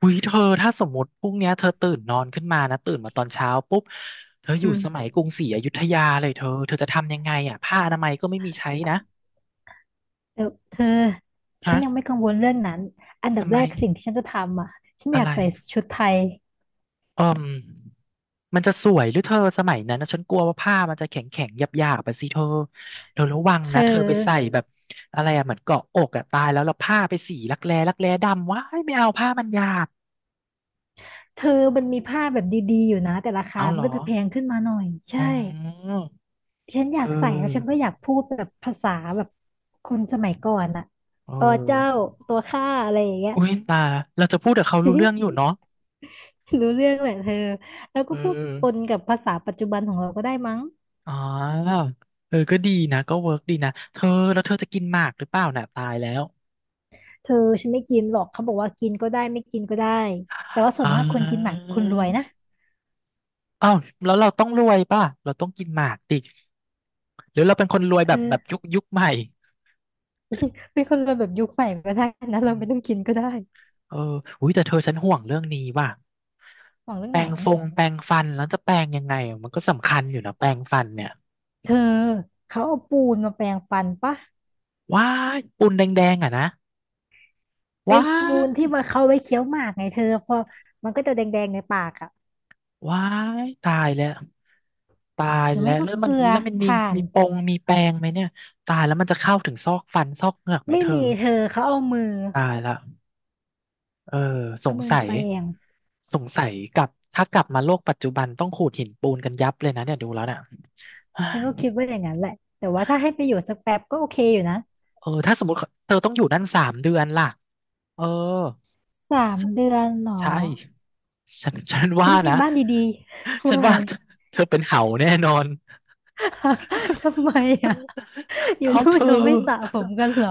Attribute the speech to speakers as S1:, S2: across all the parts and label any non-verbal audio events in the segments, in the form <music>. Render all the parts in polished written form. S1: อุ้ยเธอถ้าสมมติพรุ่งเนี้ยเธอตื่นนอนขึ้นมานะตื่นมาตอนเช้าปุ๊บเธออ
S2: อื
S1: ยู่สมั
S2: ม
S1: ยกรุงศรีอยุธยาเลยเธอจะทำยังไงอ่ะผ้าอนามัยก็ไม่มีใช้นะ
S2: เดี๋ยวเธอ ฉั
S1: ฮะ
S2: นยังไม่กังวลเรื่องนั้นอันดับ
S1: ทำไม
S2: แรกสิ่งที่ฉันจะทำอ่ะฉันอ
S1: อะ
S2: ยา
S1: ไร
S2: กใส่ชุดไทย
S1: อืมมันจะสวยหรือเธอสมัยนั้นนะฉันกลัวว่าผ้ามันจะแข็งแข็งหยาบไปสิเธอเธอระวัง
S2: เธ
S1: นะเธอไปใส่
S2: อ
S1: แบบอะไรอ่ะเหมือนเกาะอกอ่ะตายแล้วแล้วผ้าไปสีรักแร้ดำว้ายไม่เอาผ้ามันหยาบ
S2: เธอมันมีผ้าแบบดีๆอยู่นะแต่ราคา
S1: เอาเห
S2: มั
S1: ร
S2: น
S1: อ
S2: ก็จะแพงขึ้นมาหน่อยใช่
S1: อ๋อ
S2: ฉันอยา
S1: เอ
S2: กใส่แล้วฉัน
S1: อ
S2: ก็อยากพูดแบบภาษาแบบคนสมัยก่อนอ่ะ
S1: เอ
S2: อ๋อเจ้า
S1: อ
S2: ตัวข้าอะไรอย่างเงี้ย
S1: อุ้ยตายละเราจะพูดกับเขารู้เรื่องอยู่เนาะ
S2: <laughs> รู้เรื่องแหละเธอแล้ว
S1: เอ
S2: ก็พูดปน
S1: อ
S2: กับภาษาปัจจุบันของเราก็ได้มั้ง
S1: อ๋อเออก็ดีนะก็เวิร์กดีนะเธอแล้วเธอจะกินหมากหรือเปล่าน่ะตายแล้ว
S2: เธอฉันไม่กินหรอกเขาบอกว่ากินก็ได้ไม่กินก็ได้แต่ว่าส่วน
S1: อ่า
S2: มากคนกินหมากคือคนรวยนะ
S1: อ้าวแล้วเราต้องรวยป่ะเราต้องกินหมากดิหรือเราเป็นคนรวยแบบ
S2: เออ
S1: ยุคใหม่
S2: เป็นคนเรวแบบยุคใหม่ก็ได้นะ
S1: อื
S2: เรา
S1: ม
S2: ไม่ต้องกินก็ได้
S1: เอออุ้ยแต่เธอฉันห่วงเรื่องนี้ว่ะ
S2: หวังเรื่อ
S1: แป
S2: ง
S1: ร
S2: ไหน
S1: งฟงแปรงฟันแล้วจะแปรงยังไงอะมันก็สำคัญอยู่นะแปรงฟันเนี่ย
S2: เธอเขาเอาปูนมาแปรงฟันปะ
S1: ว้ายปูนแดงๆอ่ะนะ
S2: ไอ้
S1: ว้า
S2: ปูนที่
S1: ย
S2: มาเขาไว้เคี้ยวหมากไงเธอพอมันก็จะแดงๆในปากอ่ะ
S1: ว้ายตายแล้วตาย
S2: หรือ
S1: แล้
S2: ไม่
S1: ว
S2: ก็
S1: แล้ว
S2: เก
S1: มัน
S2: ลือ
S1: แล้วมันมี
S2: ถ่าน
S1: มีปงมีแปรงไหมเนี่ยตายแล้วมันจะเข้าถึงซอกฟันซอกเหงือกไหม
S2: ไม่
S1: เธอ
S2: มีเธอเขาเอามือ
S1: ตายละเออส
S2: เอา
S1: ง
S2: มือ
S1: สัย
S2: แปรง
S1: สงสัยกลับถ้ากลับมาโลกปัจจุบันต้องขูดหินปูนกันยับเลยนะเนี่ยดูแล้วเนี่ย
S2: ฉันก็คิดว่าอย่างนั้นแหละแต่ว่าถ้าให้ไปอยู่สักแป๊บก็โอเคอยู่นะ
S1: เออถ้าสมมติเธอต้องอยู่นั่นสามเดือนล่ะเออ
S2: สามเดือนหนอ
S1: ใช่ฉัน
S2: ฉั
S1: ว่า
S2: นมี
S1: นะ
S2: บ้านดีๆ <laughs>
S1: ฉั
S2: ว่า
S1: น
S2: ไง
S1: ว่าเธอเป็นเห่าแน่นอน
S2: <laughs> ทำไมอ่ะอยู่
S1: เอา
S2: นู่
S1: เธ
S2: น
S1: อ
S2: เขาไม่สระผมกันเหรอ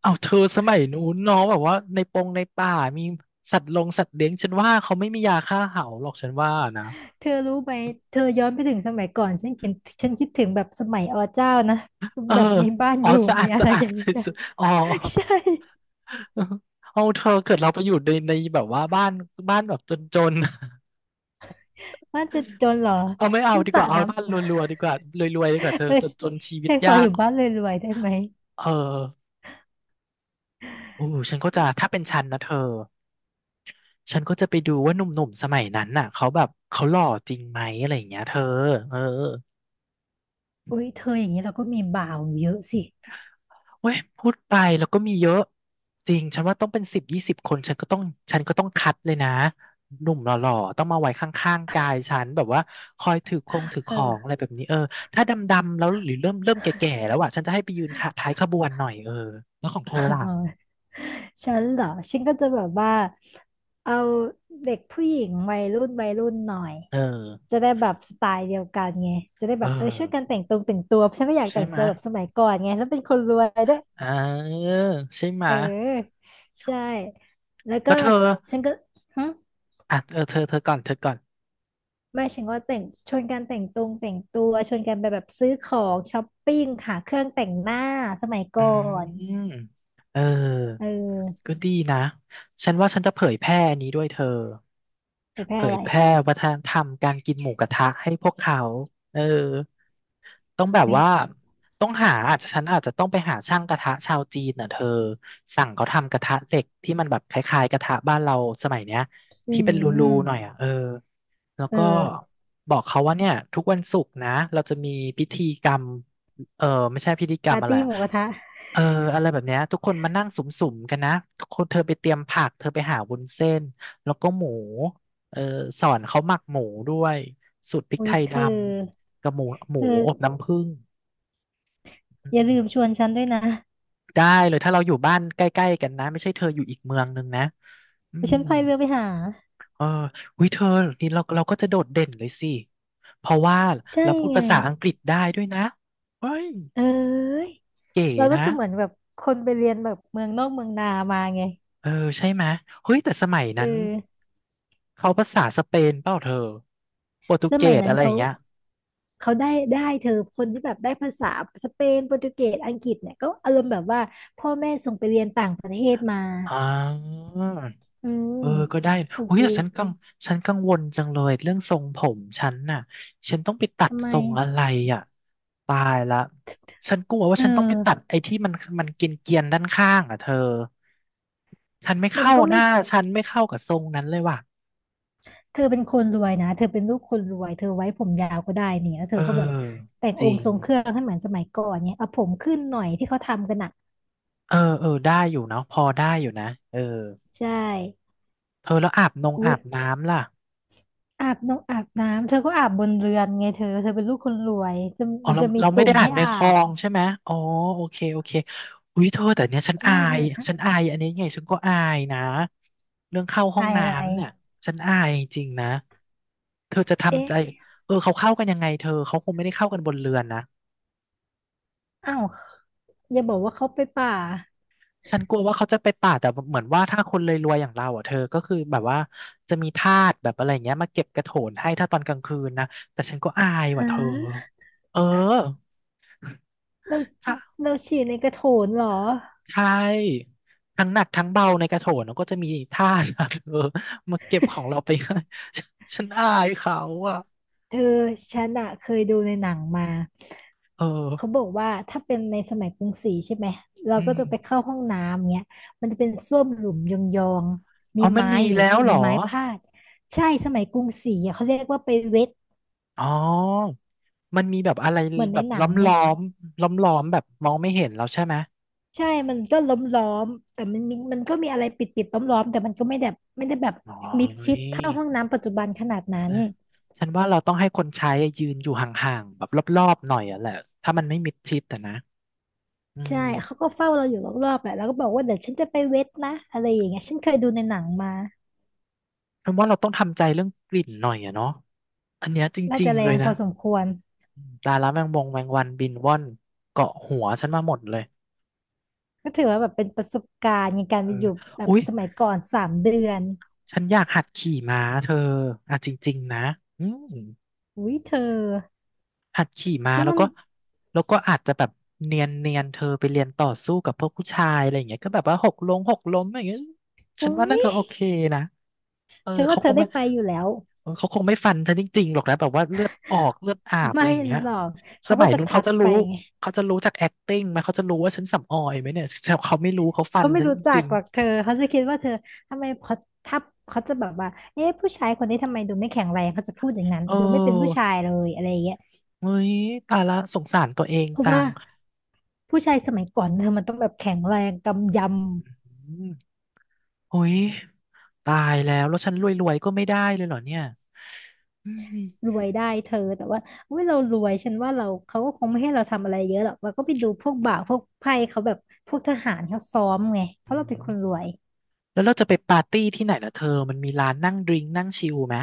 S1: เอาเธอสมัยนู้นเน้องแบบว่าในปงในป่ามีสัตว์ลงสัตว์เลี้ยงฉันว่าเขาไม่มียาฆ่าเห่าหรอกฉันว่านะ
S2: เธอรู้ไหมเธอย้อนไปถึงสมัยก่อนฉันเขียนฉันคิดถึงแบบสมัยอเจ้านะ
S1: เออ
S2: แบบมีบ้าน
S1: อ๋อ
S2: อยู่
S1: สะอา
S2: มี
S1: ด
S2: อะ
S1: สะ
S2: ไร
S1: อา
S2: อ
S1: ด
S2: ย่าง
S1: ส
S2: นี้นะ
S1: ุดๆอ๋อ
S2: <laughs> ใช่
S1: เอาเธอเกิดเราไปอยู่ในแบบว่าบ้านแบบจน
S2: บ้านจะจนเหรอ
S1: ๆเอาไม่เอา
S2: ฉัน
S1: ดี
S2: ส
S1: ก
S2: ระ
S1: ว่าเอา
S2: น้ำ
S1: บ้านรวยๆดีกว่ารวยๆดีกว่าเธอ
S2: เออ
S1: จนๆชีวิต
S2: ฉันขอ
S1: ยา
S2: อ
S1: ก
S2: ยู่บ้านรวยๆได้ไหม
S1: เออโอ้ฉันก็จะถ้าเป็นฉันนะเธอ ฉันก็จะไปดูว่าหนุ่มๆสมัยนั้นน่ะเขาแบบเขาหล่อจริงไหมอะไรอย่างเงี้ยเธอเออ
S2: อุ้ยเธออย่างนี้เราก็มีบ่าวเยอะสิ
S1: เว้ยพูดไปแล้วก็มีเยอะจริงฉันว่าต้องเป็นสิบยี่สิบคนฉันก็ต้องคัดเลยนะหนุ่มหล่อๆต้องมาไว้ข้างๆกายฉันแบบว่าคอยถือข
S2: เอ
S1: องอะ
S2: อ
S1: ไรแบบนี้เออถ้าดำๆแล้วหรือเริ่มแก่ๆแล้วอ่ะฉันจะให้ไปยืนขาท้ายขบวนหน่อยเออแล้วของเธอ
S2: <laughs>
S1: ล่ะ
S2: อ๋อฉันเหรอฉันก็จะแบบว่าเอาเด็กผู้หญิงวัยรุ่นวัยรุ่นหน่อย
S1: เออ
S2: จะได้แบบสไตล์เดียวกันไงจะได้
S1: เอ
S2: แบ
S1: อ
S2: บเออช่วยกันแต่งตรงแต่งตัวฉันก็อยาก
S1: ใช่
S2: แต่ง
S1: ไห
S2: ตั
S1: มะ
S2: วแบบสมัยก่อนไงแล้วเป็นคนรวยด้วย
S1: อ่าใช่ไห
S2: เอ
S1: มะ
S2: อใช่แล้ว
S1: แล้
S2: ก็
S1: วเธอ
S2: ฉันก็ฮึ
S1: อ่ะเออเธอก่อนเธอก่อน
S2: ไม่ฉันว่าแต่งชวนกันแต่งตรงแต่งตัวชวนกันไปแบบซื้อของช้อปปิ้งหาเครื่องแต่งหน้าสมัย
S1: อื
S2: ก่อน
S1: มเออ
S2: เออ
S1: ก็ดีนะ ฉันว่าฉันจะเผยแพร่นี้ด้วยเธอ
S2: ไปแพ้
S1: เผ
S2: อะ
S1: ย
S2: ไร
S1: แพร่วัฒนธรรมการกินหมูกระทะให้พวกเขาเออต้องแบบ
S2: เฮ้ย
S1: ว่าต้องหาอาจจะฉันอาจจะต้องไปหาช่างกระทะชาวจีนน่ะเธอ สั่งเขาทำกระทะเหล็กที่มันแบบคล้ายๆกระทะบ้านเราสมัยเนี้ย
S2: อื
S1: ที่เป็นรู
S2: ม
S1: ๆหน่อยอ่ะเออ แล้ว
S2: เอ
S1: ก็
S2: อ
S1: บอกเขาว่าเนี่ยทุกวันศุกร์นะเราจะมีพิธีกรรมเออไม่ใช่พิธีกรร
S2: ปา
S1: ม
S2: ร์
S1: อะไร
S2: ตี้ห
S1: อะ
S2: มูกระทะ
S1: เอออะไรแบบเนี้ยทุกคนมานั่งสุ่มๆกันนะทุกคนเธอไปเตรียมผักเธอไปหาวุ้นเส้นแล้วก็หมูเออสอนเขาหมักหมูด้วยสูตรพริก
S2: อุ้
S1: ไท
S2: ย
S1: ย
S2: เธ
S1: ด
S2: อ
S1: ำกับหมูหมู
S2: เธอ
S1: อบน้ำผึ้งอื
S2: อย่าลืมช
S1: ม
S2: วนฉันด้วยนะ
S1: ได้เลยถ้าเราอยู่บ้านใกล้ๆกันนะไม่ใช่เธออยู่อีกเมืองนึงนะอื
S2: เดี๋ยว
S1: ม
S2: ฉันพายเรือไปหา
S1: เออวิเธอนี่เราก็จะโดดเด่นเลยสิเพราะว่า
S2: ใช่
S1: เราพูด
S2: ไง
S1: ภาษาอังกฤษได้ด้วยนะเฮ้ย
S2: เอ้ย
S1: เก๋
S2: เราก็
S1: นะ
S2: จะเหมือนแบบคนไปเรียนแบบเมืองนอกเมืองนามาไง
S1: เออใช่ไหมยเฮ้ยแต่สมัย
S2: เอ
S1: นั้น
S2: อ
S1: เขาภาษาสเปนเปล่าเธอโปรตุ
S2: ส
S1: เก
S2: มัย
S1: ส
S2: นั้น
S1: อะไรอ
S2: เขา
S1: ย่างเงี้ย
S2: ได้เธอคนที่แบบได้ภาษาสเปนโปรตุเกสอังกฤษเนี่ยก็อารมณ์แบบว่าพ่อแม่ส่งไปเรียนต่างประเทศมา
S1: อ่า
S2: อืม
S1: เออก็ได้
S2: ส่ง
S1: อุ้
S2: ไป
S1: ยแต่
S2: เรีย
S1: ฉั
S2: น
S1: นกังฉันกังวลจังเลยเรื่องทรงผมฉันน่ะฉันต้องไปตัด
S2: ทำไม
S1: ทรงอะไรอ่ะตายละฉันกลัว
S2: เธ
S1: ว่า
S2: อ
S1: ฉันต้องไปตัดไอ้ที่มันมันเกรียนๆด้านข้างอ่ะเธอฉันไม่
S2: มัน
S1: เข้า
S2: ก็
S1: ห
S2: ไม่
S1: น้าฉันไม่เข้ากับทรงนั้นเลยว่ะ
S2: เธอเป็นคนรวยนะเธอเป็นลูกคนรวยเธอไว้ผมยาวก็ได้นี่แล้วเธ
S1: เอ
S2: อก็แบบ
S1: อ
S2: แต่ง
S1: จ
S2: อ
S1: ริ
S2: ง
S1: ง
S2: ค์ทรงเครื่องให้เหมือนสมัยก่อนเนี่ยเอาผมขึ้นหน่อยที่เขาทำกันอ่ะ
S1: เออเออได้อยู่เนาะพอได้อยู่นะเออ
S2: ใช่
S1: เธอแล้วอาบนง
S2: อุ๊
S1: อา
S2: ย
S1: บน้ำล่ะ
S2: อาบน้องอาบน้ำเธอก็อาบบนเรือนไงเธอเธอเป็นลูกคนรวยจะ
S1: อ๋อ
S2: มัน
S1: เรา
S2: จะมี
S1: เราไม่
S2: ตุ่
S1: ได้
S2: ม
S1: อ่า
S2: ให้
S1: นใน
S2: อา
S1: คลอ
S2: บ
S1: งใช่ไหมอ๋อโอเคโอเคอุ้ยเธอแต่เนี้ยฉันอา
S2: ไม่เธ
S1: ย
S2: อฮะ
S1: ฉันอายอันนี้ไงฉันก็อายนะเรื่องเข้าห้อง
S2: อายอะไร
S1: น้ำเนี่ยฉันอายจริงๆนะเธอจะทำ
S2: เอ๊ะ
S1: ใจเออเขาเข้ากันยังไงเธอเขาคงไม่ได้เข้ากันบนเรือนนะ
S2: อ้าวอย่าบอกว่าเขาไปป่า
S1: ฉันกลัวว่าเขาจะไปป่าดแต่เหมือนว่าถ้าคนรวยๆอย่างเราอ่ะเธอก็คือแบบว่าจะมีทาสแบบอะไรเงี้ยมาเก็บกระโถนให้ถ้าตอนกลางคืนนะแต่ฉันก็อายว่ะ
S2: ฮะ
S1: เธอเออ
S2: เรา
S1: ถ้า
S2: เราฉี่ในกระโถนเหรอ
S1: ใช่ทั้งหนักทั้งเบาในกระโถนก็จะมีท่า <laughs> นะเธอมาเก็บของเราไปให้ฉันฉันอายเขาอ่ะ
S2: เธอฉันอะเคยดูในหนังมา
S1: เออ
S2: เขาบอกว่าถ้าเป็นในสมัยกรุงศรีใช่ไหมเรา
S1: อื
S2: ก็
S1: ม
S2: จะไปเข้าห้องน้ำเงี้ยมันจะเป็นส้วมหลุมยองๆมี
S1: อ๋อมัน
S2: ไม้
S1: มี
S2: หรือ
S1: แล้วเหร
S2: มี
S1: อ
S2: ไม้พาดใช่สมัยกรุงศรีอะเขาเรียกว่าไปเวท
S1: อ๋อมันมีแบบอะไร
S2: เหมือน
S1: แบ
S2: ใน
S1: บ
S2: หนั
S1: ล้
S2: ง
S1: อม
S2: ไง
S1: ล้อมล้อมๆแบบมองไม่เห็นแล้วใช่ไหม
S2: ใช่มันก็ล้อมล้อมแต่มันมีมันก็มีอะไรปิดปิดล้อมล้อมๆแต่มันก็ไม่แบบไม่ได้แบบ
S1: อ๋อ
S2: มิดชิดเท่าห้องน้ำปัจจุบันขนาดนั้
S1: เอ
S2: น
S1: อฉันว่าเราต้องให้คนใช้ยืนอยู่ห่างๆแบบรอบๆหน่อยอ่ะแหละถ้ามันไม่มิดชิดอะนะอื
S2: ใช่เขา
S1: ม
S2: ก็เฝ้าเราอยู่รอบๆแหละแล้วก็บอกว่าเดี๋ยวฉันจะไปเวทนะอะไรอย่างเงี้ยฉันเคยดูในหนังมา
S1: ฉันว่าเราต้องทำใจเรื่องกลิ่นหน่อยอะเนาะอันเนี้ยจ
S2: น่า
S1: ริง
S2: จะแร
S1: ๆเลย
S2: งพ
S1: นะ
S2: อสมควร
S1: ตายแล้วแมงมงแมงวันบินว่อนเกาะหัวฉันมาหมดเลย
S2: ก็ถือว่าแบบเป็นประสบการณ์ในการ
S1: เอ
S2: ไปอ
S1: อ
S2: ยู่แบบ
S1: อุ๊ย
S2: สมัยก่อนสามเดือน
S1: ฉันอยากหัดขี่ม้าเธออ่ะจริงๆนะอืม
S2: อุ้ยเธอ
S1: หัดขี่ม้า
S2: ฉัน
S1: แล้ว
S2: ว่า
S1: ก็แล้วก็อาจจะแบบเนียนเนียนเธอไปเรียนต่อสู้กับพวกผู้ชายอะไรอย่างเงี้ยก็แบบว่าหกล้มหกล้มอย่างเงี้ยฉัน
S2: อุ้
S1: ว่าน่า
S2: ย
S1: จะโอเคนะ เออ
S2: ฉันว่า
S1: เขา
S2: เธ
S1: ค
S2: อ
S1: ง
S2: ได้
S1: ไม่
S2: ไปอยู่แล้ว
S1: เออเขาคงไม่ฟันเธอจริงๆหรอกนะแบบว่าเลือดออกเลือดอาบอะ
S2: ไม่
S1: ไรอย่างเงี้ย
S2: หรอก
S1: ส
S2: เขาก็
S1: มัย
S2: จะ
S1: นู้น
S2: คั
S1: เขา
S2: ด
S1: จะ
S2: ไป
S1: รู้
S2: ไง
S1: เขาจะรู้จาก acting ไหมเขาจะรู้ว่าฉันสำออยไหมเนี่ยแต่เขาไม่รู้เขาฟั
S2: เขา
S1: น
S2: ไม่
S1: ฉัน
S2: รู้จั
S1: จ
S2: ก
S1: ริง
S2: หรอกเธอเขาจะคิดว่าเธอทำไมเขาทับเขาจะแบบว่าเอ๊ะผู้ชายคนนี้ทำไมดูไม่แข็งแรงเขาจะพูดอย่างนั้น
S1: ๆเอ
S2: ดูไม่เป็นผู้
S1: อ
S2: ชายเลยอะไรอย่างเงี้ย
S1: เฮ้ยตายละสงสารตัวเอง
S2: เพราะ
S1: จั
S2: ว่า
S1: ง
S2: ผู้ชายสมัยก่อนเธอมันต้องแบบแข็งแรงกำย
S1: อืมเฮ้ยตายแล้วแล้วฉันรวยๆก็ไม่ได้เลยเหรอเนี่ยอืม
S2: รวยได้เธอแต่ว่าอุ้ยเรารวยฉันว่าเราเขาก็คงไม่ให้เราทำอะไรเยอะหรอกเราก็ไปดูพวกบ่าวพวกไพ่เขาแบบพวกทหารเขาซ้อมไงเพ
S1: อื
S2: ราะเราเป็น
S1: ม
S2: คนรวย
S1: แล้วเราจะไปปาร์ตี้ที่ไหนล่ะเธอมันมีร้านนั่งดริงก์นั่งชิลไหม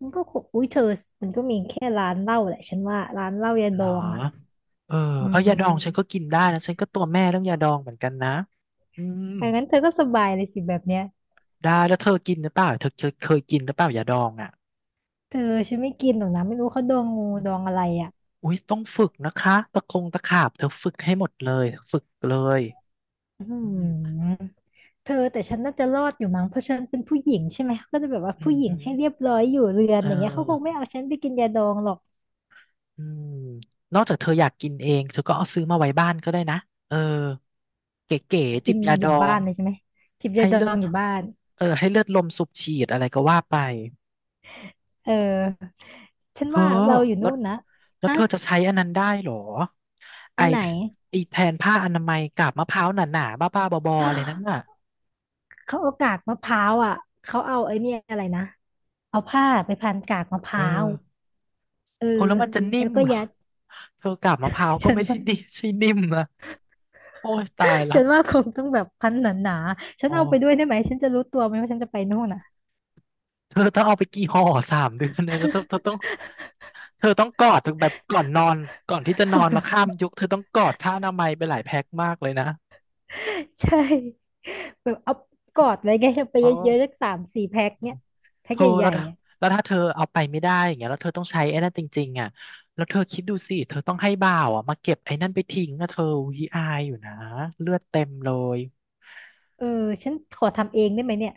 S2: มันก็คงอุ้ยเธอมันก็มีแค่ร้านเหล้าแหละฉันว่าร้านเหล้ายา
S1: เห
S2: ด
S1: รอ
S2: องอ่ะ
S1: เออ
S2: อื
S1: เอา
S2: ม
S1: ยาดองฉันก็กินได้นะฉันก็ตัวแม่เรื่องยาดองเหมือนกันนะอืม
S2: อย่างนั้นเธอก็สบายเลยสิแบบเนี้ย
S1: ได้แล้วเธอกินหรือเปล่าเธอเธอเคยกินหรือเปล่ายาดองอ่ะ
S2: เธอฉันไม่กินหรอกนะไม่รู้เขาดองงู
S1: อม
S2: ดองอะไรอ่ะ
S1: อุ้ยต้องฝึกนะคะตะคงตะขาบเธอฝึกให้หมดเลยฝึกเลย
S2: อื
S1: อืม
S2: มเธอแต่ฉันน่าจะรอดอยู่มั้งเพราะฉันเป็นผู้หญิงใช่ไหมก็จะแบบว่า
S1: อื
S2: ผู้
S1: ม
S2: หญิง
S1: ฮึ
S2: ให้เรียบร้อยอยู่เรือน
S1: เอ
S2: อย่างเงี้ยเขาคงไม่
S1: อ
S2: เอาฉันไปกินยาดองหรอก
S1: อืมนอกจากเธออยากกินเองเธอก็เอาซื้อมาไว้บ้านก็ได้นะเออเก๋ๆจิ
S2: กิ
S1: บ
S2: น
S1: ยา
S2: อ
S1: ด
S2: ยู่
S1: อ
S2: บ้า
S1: ง
S2: นเลยใช่ไหมจิบยา
S1: ให้
S2: ดอ
S1: เลือด
S2: งอยู่บ้าน
S1: เออให้เลือดลมสูบฉีดอะไรก็ว่าไป
S2: เออฉัน
S1: เธอ
S2: ว่าเราอยู่
S1: แล้
S2: นู่
S1: ว
S2: นนะ
S1: แล้ว
S2: ฮะ
S1: เธอจะใช้อันนั้นได้เหรอไอ
S2: อันไหน
S1: ไอแทนผ้าอนามัยกับมะพร้าวหนาๆบ้าๆบอๆอะไรนั่นน่ะ
S2: เขาเอากากมะพร้าวอ่ะเขาเอาไอ้เนี่ยอะไรนะเอาผ้าไปพันกากมะพ
S1: เออ
S2: ร้าวเออ
S1: โอ้แล้วมันจะนิ่
S2: แล้ว
S1: ม
S2: ก็
S1: เหรอ
S2: ยัด
S1: เธอกาบมะพร้าว
S2: <laughs>
S1: ก็
S2: ฉัน
S1: ไม่ได้
S2: ว่า
S1: นิ่มใช่นิ่มนะโอ้ยตายละ
S2: ฉันว่าคงต้องแบบพันหนาๆฉัน
S1: อ๋อ
S2: เอาไปด้วยได้ไหมฉันจะรู้ตัวไหมว่าฉันจะไปนู่นอ่ะ
S1: เธอต้องเอาไปกี่ห่อ3 เดือนเลยแล้วเธอเธอต้องเธอต้องกอดถึงแบบก่อนนอนก่อนที่จะนอนแล้วข้ามยุคเธอต้องกอดผ้าอนามัยไปหลายแพ็คมากเลยนะ
S2: <laughs> ใช่แบบเอากอดไว้ไงเอาไป
S1: อ๋อ
S2: เยอะๆสัก3-4 แพ็คเนี่ยแพ็
S1: เธ
S2: ค
S1: อ
S2: ให
S1: แล้ว
S2: ญ่
S1: ถ้า
S2: ๆอ่ะ
S1: แล้วถ้าเธอเอาไปไม่ได้อย่างเงี้ยแล้วเธอต้องใช้ไอ้นั่นจริงๆอ่ะแล้วเธอคิดดูสิเธอต้องให้บ่าวอ่ะมาเก็บไอ้นั่นไปทิ้งอ่ะเธอวีอายอยู่นะเลือดเต็มเลย
S2: เออฉันขอทำเองได้ไหมเนี่ย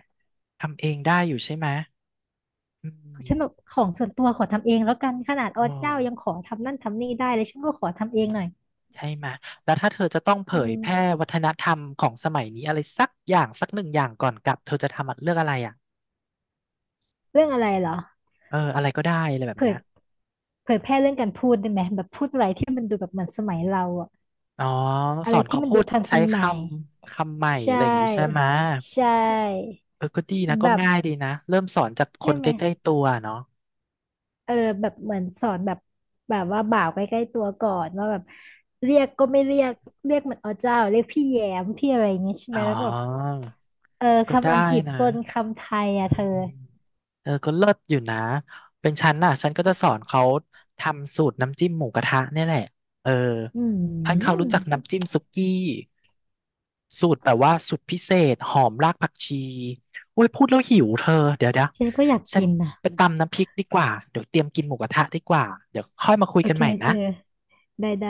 S1: ทำเองได้อยู่ใช่ไหมอื
S2: ฉันแบบ
S1: ม
S2: ของส่วนตัวขอทำเองแล้วกันขนาดอ
S1: โอ้
S2: เจ้ายังขอทำนั่นทำนี่ได้เลยฉันก็ขอทำเองหน่อย
S1: ใช่ไหมแล้วถ้าเธอจะต้องเผ
S2: อื
S1: ยแพร่
S2: ม
S1: วัฒนธรรมของสมัยนี้อะไรสักอย่างสัก1 อย่างก่อนกลับเธอจะทำอะเลือกอะไรอ่ะ
S2: เรื่องอะไรเหรอ
S1: เอออะไรก็ได้อะไรแบบ
S2: เผ
S1: เนี้
S2: ย
S1: ย
S2: เผยแพร่เรื่องการพูดได้ไหมแบบพูดอะไรที่มันดูแบบเหมือนสมัยเราอะ
S1: อ๋อ
S2: อะ
S1: ส
S2: ไร
S1: อน
S2: ที่
S1: เขา
S2: มัน
S1: พู
S2: ดู
S1: ด
S2: ทันส
S1: ใช้ค
S2: มัย
S1: ำคำใหม่
S2: ใช
S1: อะไรอย่างงี้ใช่ไหม
S2: ่ใช่
S1: เออก็ดีนะ
S2: แบ
S1: ก็
S2: บ
S1: ง่ายดีนะเริ่มสอนจากค
S2: ใช่
S1: น
S2: ไห
S1: ใก
S2: ม
S1: ล้ๆตัวเนาะ
S2: เออแบบเหมือนสอนแบบแบบว่าบ่าวใกล้ๆตัวก่อนว่าแบบเรียกก็ไม่เรียกเรียกเหมือนอ๋อเจ้าเรียกพี่แยมพี่อะไรอย่างเงี้ยใช่ไห
S1: อ๋
S2: ม
S1: อ
S2: แล้วก็แบบเออ
S1: ก็
S2: คำอัง
S1: ได้
S2: กฤษป
S1: นะ
S2: นคำไทยอ่ะ
S1: อื
S2: เธอ
S1: มเออก็เลิศอยู่นะเป็นฉันน่ะฉันก็จะสอนเขาทำสูตรน้ำจิ้มหมูกระทะเนี่ยแหละเออ
S2: อื
S1: ให้เขารู้
S2: ม
S1: จักน้ำจิ้มสุกี้สูตรแบบว่าสูตรพิเศษหอมรากผักชีอุ้ยพูดแล้วหิวเธอเดี๋ยวเดี๋ยว
S2: ฉันก็อยาก
S1: ฉัน
S2: กินอ่ะ
S1: ไปตำน้ำพริกดีกว่าเดี๋ยวเตรียมกินหมูกระทะดีกว่าเดี๋ยวค่อยมาคุย
S2: โอ
S1: กัน
S2: เค
S1: ใหม่
S2: เธ
S1: นะ
S2: อได้ได้